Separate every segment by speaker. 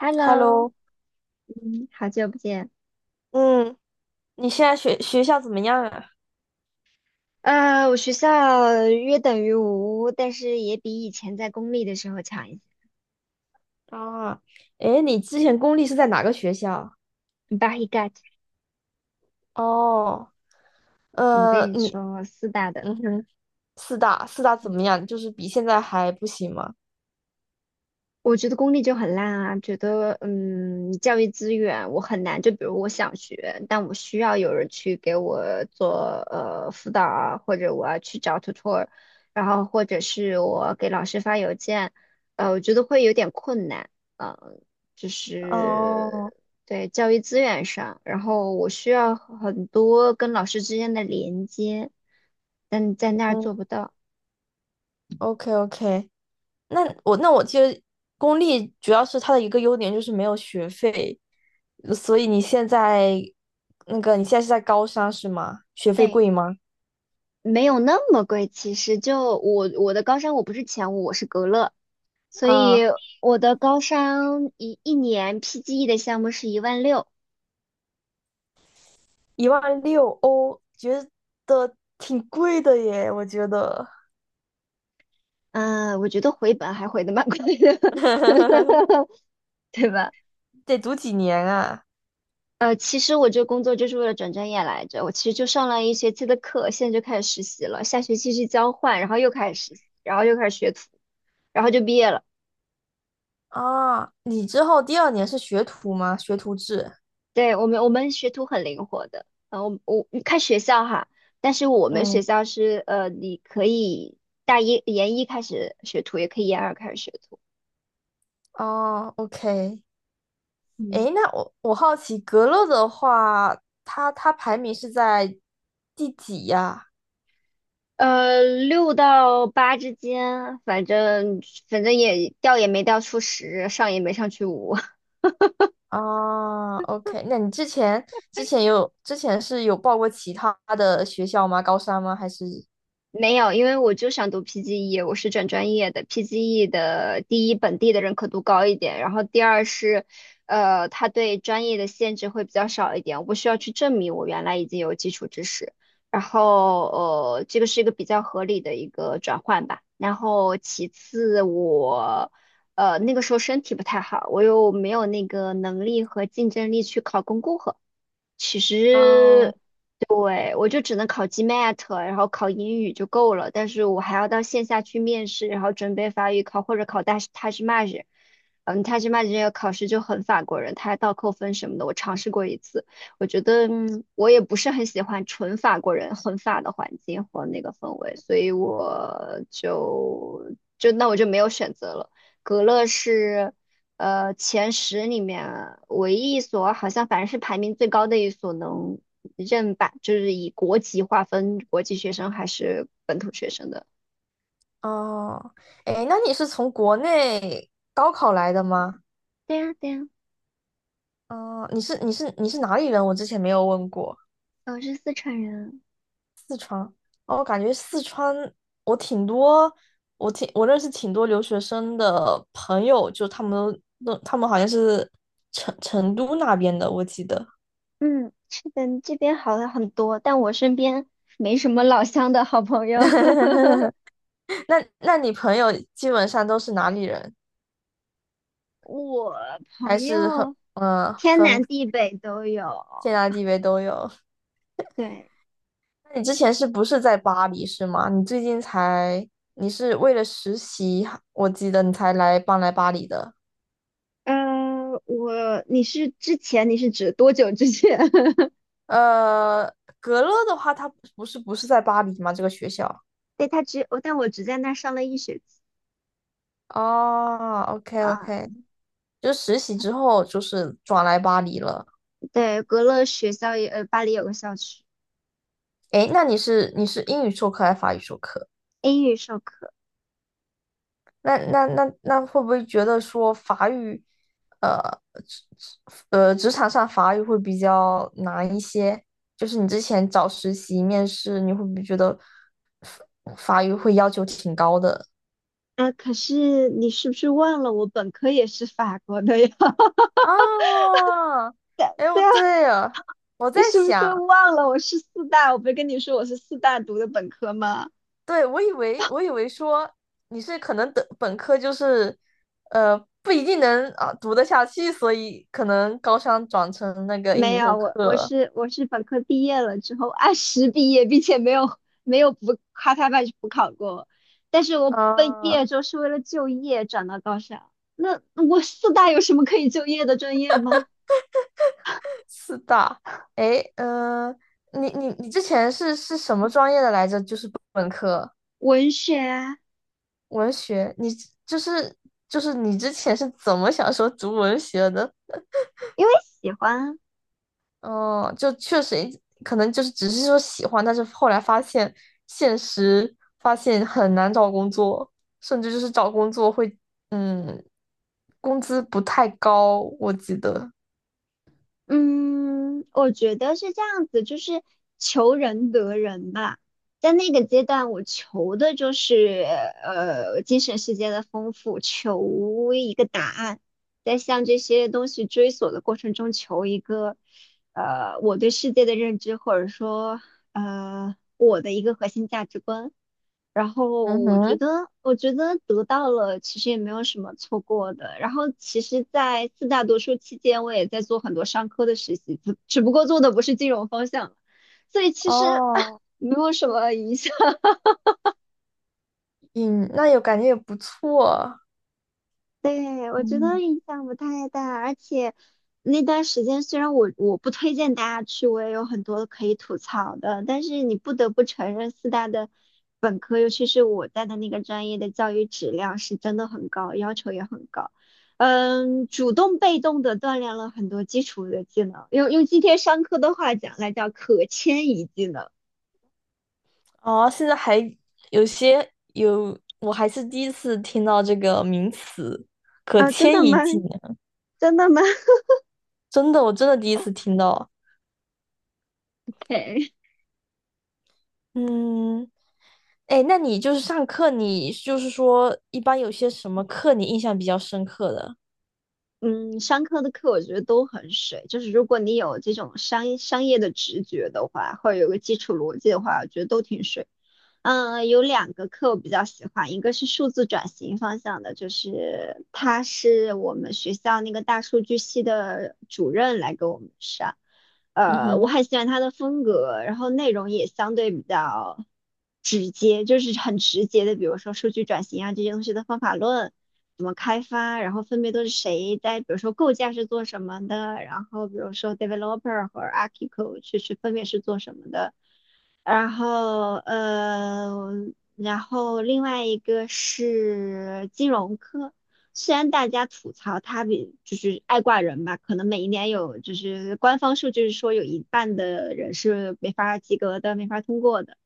Speaker 1: Hello，
Speaker 2: Hello，
Speaker 1: 好久不见。
Speaker 2: 嗯，你现在学校怎么样啊？
Speaker 1: 我学校约等于无，但是也比以前在公立的时候强一些。
Speaker 2: 啊，诶，你之前公立是在哪个学校？
Speaker 1: b a h e g o t。
Speaker 2: 哦，
Speaker 1: 我跟
Speaker 2: 呃，
Speaker 1: 你
Speaker 2: 你，
Speaker 1: 说，四大的，
Speaker 2: 嗯哼，四大怎么样？就是比现在还不行吗？
Speaker 1: 我觉得公立就很烂啊，觉得教育资源我很难。就比如我想学，但我需要有人去给我做辅导啊，或者我要去找 tutor，然后或者是我给老师发邮件，我觉得会有点困难。嗯、就
Speaker 2: 哦，
Speaker 1: 是对教育资源上，然后我需要很多跟老师之间的连接，但在那儿
Speaker 2: 嗯
Speaker 1: 做不到。
Speaker 2: ，OK OK，那我记得公立主要是它的一个优点就是没有学费，所以你现在是在高三是吗？学费
Speaker 1: 对。
Speaker 2: 贵吗？
Speaker 1: 没有那么贵，其实就我的高山，我不是前五，我是格勒，所以
Speaker 2: 啊。
Speaker 1: 我的高山一年 PGE 的项目是1.6万。
Speaker 2: 1.6万欧，觉得挺贵的耶，我觉得。
Speaker 1: 嗯，我觉得回本还回的蛮快的，对吧？
Speaker 2: 得读几年啊？
Speaker 1: 其实我这工作就是为了转专业来着，我其实就上了一学期的课，现在就开始实习了，下学期去交换，然后又开始实习，然后又开始学徒，然后就毕业了。
Speaker 2: 啊，你之后第二年是学徒吗？学徒制。
Speaker 1: 对，我们学徒很灵活的，我看学校哈，但是我们学
Speaker 2: 嗯，
Speaker 1: 校是你可以大一研一开始学徒，也可以研二开始学徒，
Speaker 2: 哦，OK。
Speaker 1: 嗯，
Speaker 2: 诶，那我好奇，格勒的话，它排名是在第几呀？
Speaker 1: 六到八之间，反正也掉也没掉出十，上也没上去五，
Speaker 2: 啊，OK。那你之前有报过其他的学校吗？高三吗？还是？
Speaker 1: 没有，因为我就想读 PGE,我是转专业的。PGE 的第一，本地的认可度高一点，然后第二是，它对专业的限制会比较少一点，我不需要去证明我原来已经有基础知识。然后，这个是一个比较合理的一个转换吧。然后其次我，那个时候身体不太好，我又没有那个能力和竞争力去考公共课。其
Speaker 2: 哦
Speaker 1: 实对，我就只能考 GMAT,然后考英语就够了，但是我还要到线下去面试，然后准备法语考或者考大塔什马日。塔什马日这个考试就很法国人，他还倒扣分什么的，我尝试过一次，我觉得我也不是很喜欢纯法国人很法的环境和那个氛围，所以我就那我就没有选择了。格勒是。前十里面唯一一所好像反正是排名最高的一所能认吧，就是以国籍划分国际学生还是本土学生的。
Speaker 2: 哦，哎，那你是从国内高考来的吗？
Speaker 1: 对呀，对呀，
Speaker 2: 嗯，你是哪里人？我之前没有问过。
Speaker 1: 我是四川人。
Speaker 2: 哦，我感觉四川，我挺多，我认识挺多留学生的朋友，就他们好像是成都那边的，我记得。
Speaker 1: 嗯，是的，这边好了很多，但我身边没什么老乡的好朋友。
Speaker 2: 那你朋友基本上都是哪里人？
Speaker 1: 我朋
Speaker 2: 还是很
Speaker 1: 友
Speaker 2: 嗯呃
Speaker 1: 天
Speaker 2: 分
Speaker 1: 南地北都有。
Speaker 2: 天南地北都有？
Speaker 1: 对，
Speaker 2: 那你之前是不是在巴黎是吗？你最近才，你是为了实习，我记得你才来搬来巴黎的。
Speaker 1: 我，你是之前，你是指多久之前？
Speaker 2: 呃，格勒的话，他不是在巴黎吗？这个学校
Speaker 1: 对，他只，我但我只在那儿上了一学期。
Speaker 2: 哦，OK
Speaker 1: 啊，
Speaker 2: OK，就实习之后就是转来巴黎了。
Speaker 1: 对，格勒学校也，巴黎有个校区，
Speaker 2: 诶，那你是英语授课还是法语授课？
Speaker 1: 英语授课。
Speaker 2: 那会不会觉得说法语，呃，职职场上法语会比较难一些？就是你之前找实习面试，你会不会觉得法法语会要求挺高的
Speaker 1: 啊，可是你是不是忘了我本科也是法国的呀？
Speaker 2: 啊？哎，
Speaker 1: 对
Speaker 2: 我
Speaker 1: 啊，
Speaker 2: 对了，我
Speaker 1: 你
Speaker 2: 在
Speaker 1: 是不是
Speaker 2: 想，
Speaker 1: 忘了我是四大？我不是跟你说我是四大读的本科吗？
Speaker 2: 对，我以为说你是可能的本科就是不一定能啊读得下去，所以可能高三转成那个英
Speaker 1: 没
Speaker 2: 语授
Speaker 1: 有，我我
Speaker 2: 课
Speaker 1: 是我是本科毕业了之后按时毕业，并且没有补咔咔半去补考过，但是我被毕
Speaker 2: 啊。
Speaker 1: 业之后是为了就业转到高校。那我四大有什么可以就业的专业吗？
Speaker 2: 四大，诶，你之前是什么专业的来着？就是本科
Speaker 1: 文学啊，
Speaker 2: 文学，你就是就是你之前是怎么想说读文学的？
Speaker 1: 因为喜欢啊
Speaker 2: 哦、就确实可能就是只是说喜欢，但是后来发现很难找工作，甚至就是找工作会嗯，工资不太高，我记得。
Speaker 1: 嗯，我觉得是这样子，就是求人得人吧。在那个阶段，我求的就是精神世界的丰富，求一个答案，在向这些东西追索的过程中，求一个我对世界的认知，或者说我的一个核心价值观。然后
Speaker 2: 嗯
Speaker 1: 我觉
Speaker 2: 哼，
Speaker 1: 得，我觉得得到了，其实也没有什么错过的。然后其实，在四大读书期间，我也在做很多商科的实习，只不过做的不是金融方向，所以其实
Speaker 2: 哦，
Speaker 1: 没有什么影响。
Speaker 2: 嗯，那有感觉也不错。
Speaker 1: 对，我觉得
Speaker 2: 嗯。
Speaker 1: 影响不太大，而且那段时间虽然我不推荐大家去，我也有很多可以吐槽的，但是你不得不承认，四大的本科，尤其是我在的那个专业的教育质量是真的很高，要求也很高。主动被动的锻炼了很多基础的技能，用今天上课的话讲那叫可迁移技能。
Speaker 2: 哦，现在还有，我还是第一次听到这个名词，可
Speaker 1: 啊，真
Speaker 2: 迁
Speaker 1: 的
Speaker 2: 移
Speaker 1: 吗？
Speaker 2: 技能，
Speaker 1: 真的吗？
Speaker 2: 真的，我真的第一次听到。嗯，哎，那你就是上课，你就是说一般有些什么课你印象比较深刻的？
Speaker 1: 嗯，商科的课我觉得都很水，就是如果你有这种商业的直觉的话，或者有个基础逻辑的话，我觉得都挺水。有两个课我比较喜欢，一个是数字转型方向的，就是他是我们学校那个大数据系的主任来给我们上，
Speaker 2: 嗯
Speaker 1: 我
Speaker 2: 哼，
Speaker 1: 很喜欢他的风格，然后内容也相对比较直接，就是很直接的，比如说数据转型啊这些东西的方法论，怎么开发，然后分别都是谁在，比如说构架是做什么的，然后比如说 developer 和 architect 是分别是做什么的，然后然后另外一个是金融科。虽然大家吐槽他比就是爱挂人吧，可能每一年有就是官方数据是说有一半的人是没法及格的，没法通过的。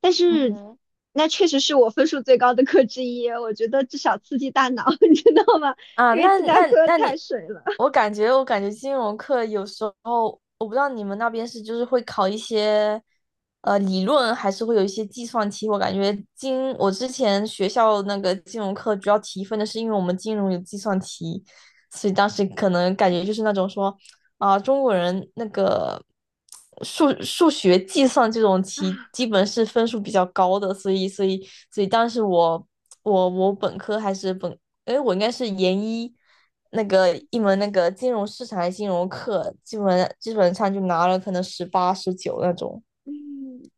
Speaker 1: 但
Speaker 2: 嗯
Speaker 1: 是
Speaker 2: 哼
Speaker 1: 那确实是我分数最高的课之一，我觉得至少刺激大脑，你知道吗？
Speaker 2: 啊，
Speaker 1: 因为
Speaker 2: 那
Speaker 1: 其他科
Speaker 2: 那那
Speaker 1: 太
Speaker 2: 你，
Speaker 1: 水了
Speaker 2: 我感觉金融课有时候，我不知道你们那边是就是会考一些，理论还是会有一些计算题。我感觉金，我之前学校那个金融课主要提分的是因为我们金融有计算题，所以当时可能感觉就是那种说，啊、中国人那个数学计算这种题
Speaker 1: 啊。
Speaker 2: 基本是分数比较高的，所以当时我本科还是哎，我应该是研一那个一门那个金融市场还是金融课，基本上就拿了可能十八十九那种。
Speaker 1: 嗯。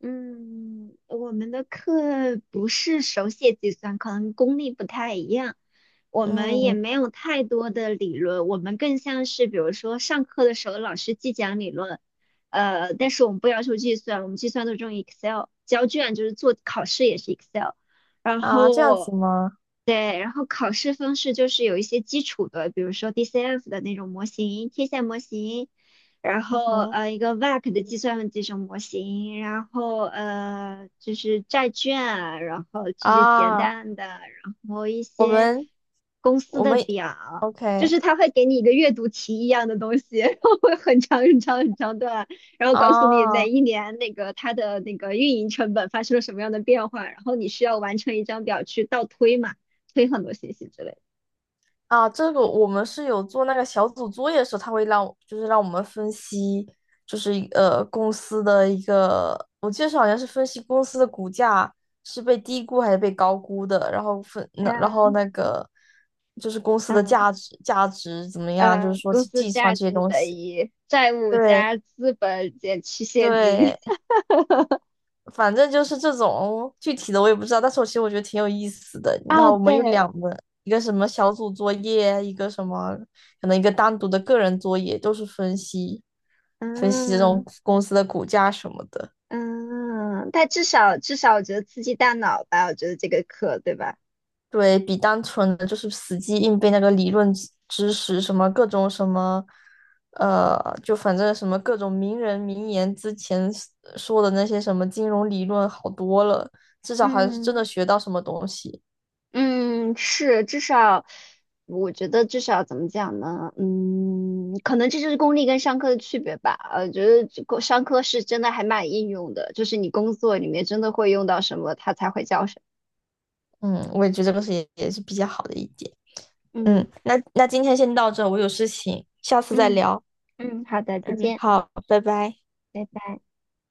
Speaker 1: 嗯，我们的课不是手写计算，可能功力不太一样。我们也
Speaker 2: 嗯
Speaker 1: 没有太多的理论，我们更像是比如说上课的时候老师既讲理论，但是我们不要求计算，我们计算都是用 Excel,交卷就是做考试也是 Excel,然
Speaker 2: 啊，这样
Speaker 1: 后
Speaker 2: 子吗？
Speaker 1: 对，然后考试方式就是有一些基础的，比如说 DCF 的那种模型、贴现模型。然
Speaker 2: 嗯
Speaker 1: 后
Speaker 2: 哼
Speaker 1: 一个 VAC 的计算的这种模型，然后就是债券啊，然后这些简
Speaker 2: 啊，
Speaker 1: 单的，然后一
Speaker 2: 我
Speaker 1: 些
Speaker 2: 们
Speaker 1: 公司
Speaker 2: 我
Speaker 1: 的
Speaker 2: 们
Speaker 1: 表，就
Speaker 2: OK
Speaker 1: 是他会给你一个阅读题一样的东西，然后会很长很长很长段，然后告诉你哪
Speaker 2: 啊，
Speaker 1: 一年那个它的那个运营成本发生了什么样的变化，然后你需要完成一张表去倒推嘛，推很多信息之类的。
Speaker 2: 啊，这个我们是有做那个小组作业的时候，他会让就是让我们分析，就是公司的一个，我记得是好像是分析公司的股价是被低估还是被高估的，然后
Speaker 1: 嗯
Speaker 2: 那个就是公司的
Speaker 1: 嗯，
Speaker 2: 价值怎么样，就是说
Speaker 1: 公
Speaker 2: 去
Speaker 1: 司
Speaker 2: 计算
Speaker 1: 价
Speaker 2: 这些
Speaker 1: 值
Speaker 2: 东
Speaker 1: 等
Speaker 2: 西。
Speaker 1: 于债务
Speaker 2: 对
Speaker 1: 加资本减去现金。
Speaker 2: 对，反正就是这种具体的我也不知道，但是我其实我觉得挺有意思的。然
Speaker 1: 哦，
Speaker 2: 后我们有
Speaker 1: 对，
Speaker 2: 两门，一个什么小组作业，一个什么可能一个单独的个人作业，都是分析这种
Speaker 1: 嗯
Speaker 2: 公司的股价什么的。
Speaker 1: 嗯，但至少至少我觉得刺激大脑吧，我觉得这个课对吧？
Speaker 2: 对比单纯的就是死记硬背那个理论知识，什么各种什么，呃，就反正什么各种名人名言之前说的那些什么金融理论好多了，至少还是真
Speaker 1: 嗯
Speaker 2: 的学到什么东西。
Speaker 1: 嗯，是，至少我觉得至少怎么讲呢？嗯，可能这就是公立跟商科的区别吧。觉得这个商科是真的还蛮应用的，就是你工作里面真的会用到什么，它才会叫什
Speaker 2: 嗯，我也觉得这个是也是比较好的一点。
Speaker 1: 么。
Speaker 2: 嗯，
Speaker 1: 嗯
Speaker 2: 那今天先到这，我有事情，下次再
Speaker 1: 嗯
Speaker 2: 聊。
Speaker 1: 嗯，好的，再
Speaker 2: 嗯，
Speaker 1: 见。
Speaker 2: 好，拜拜。
Speaker 1: 拜拜。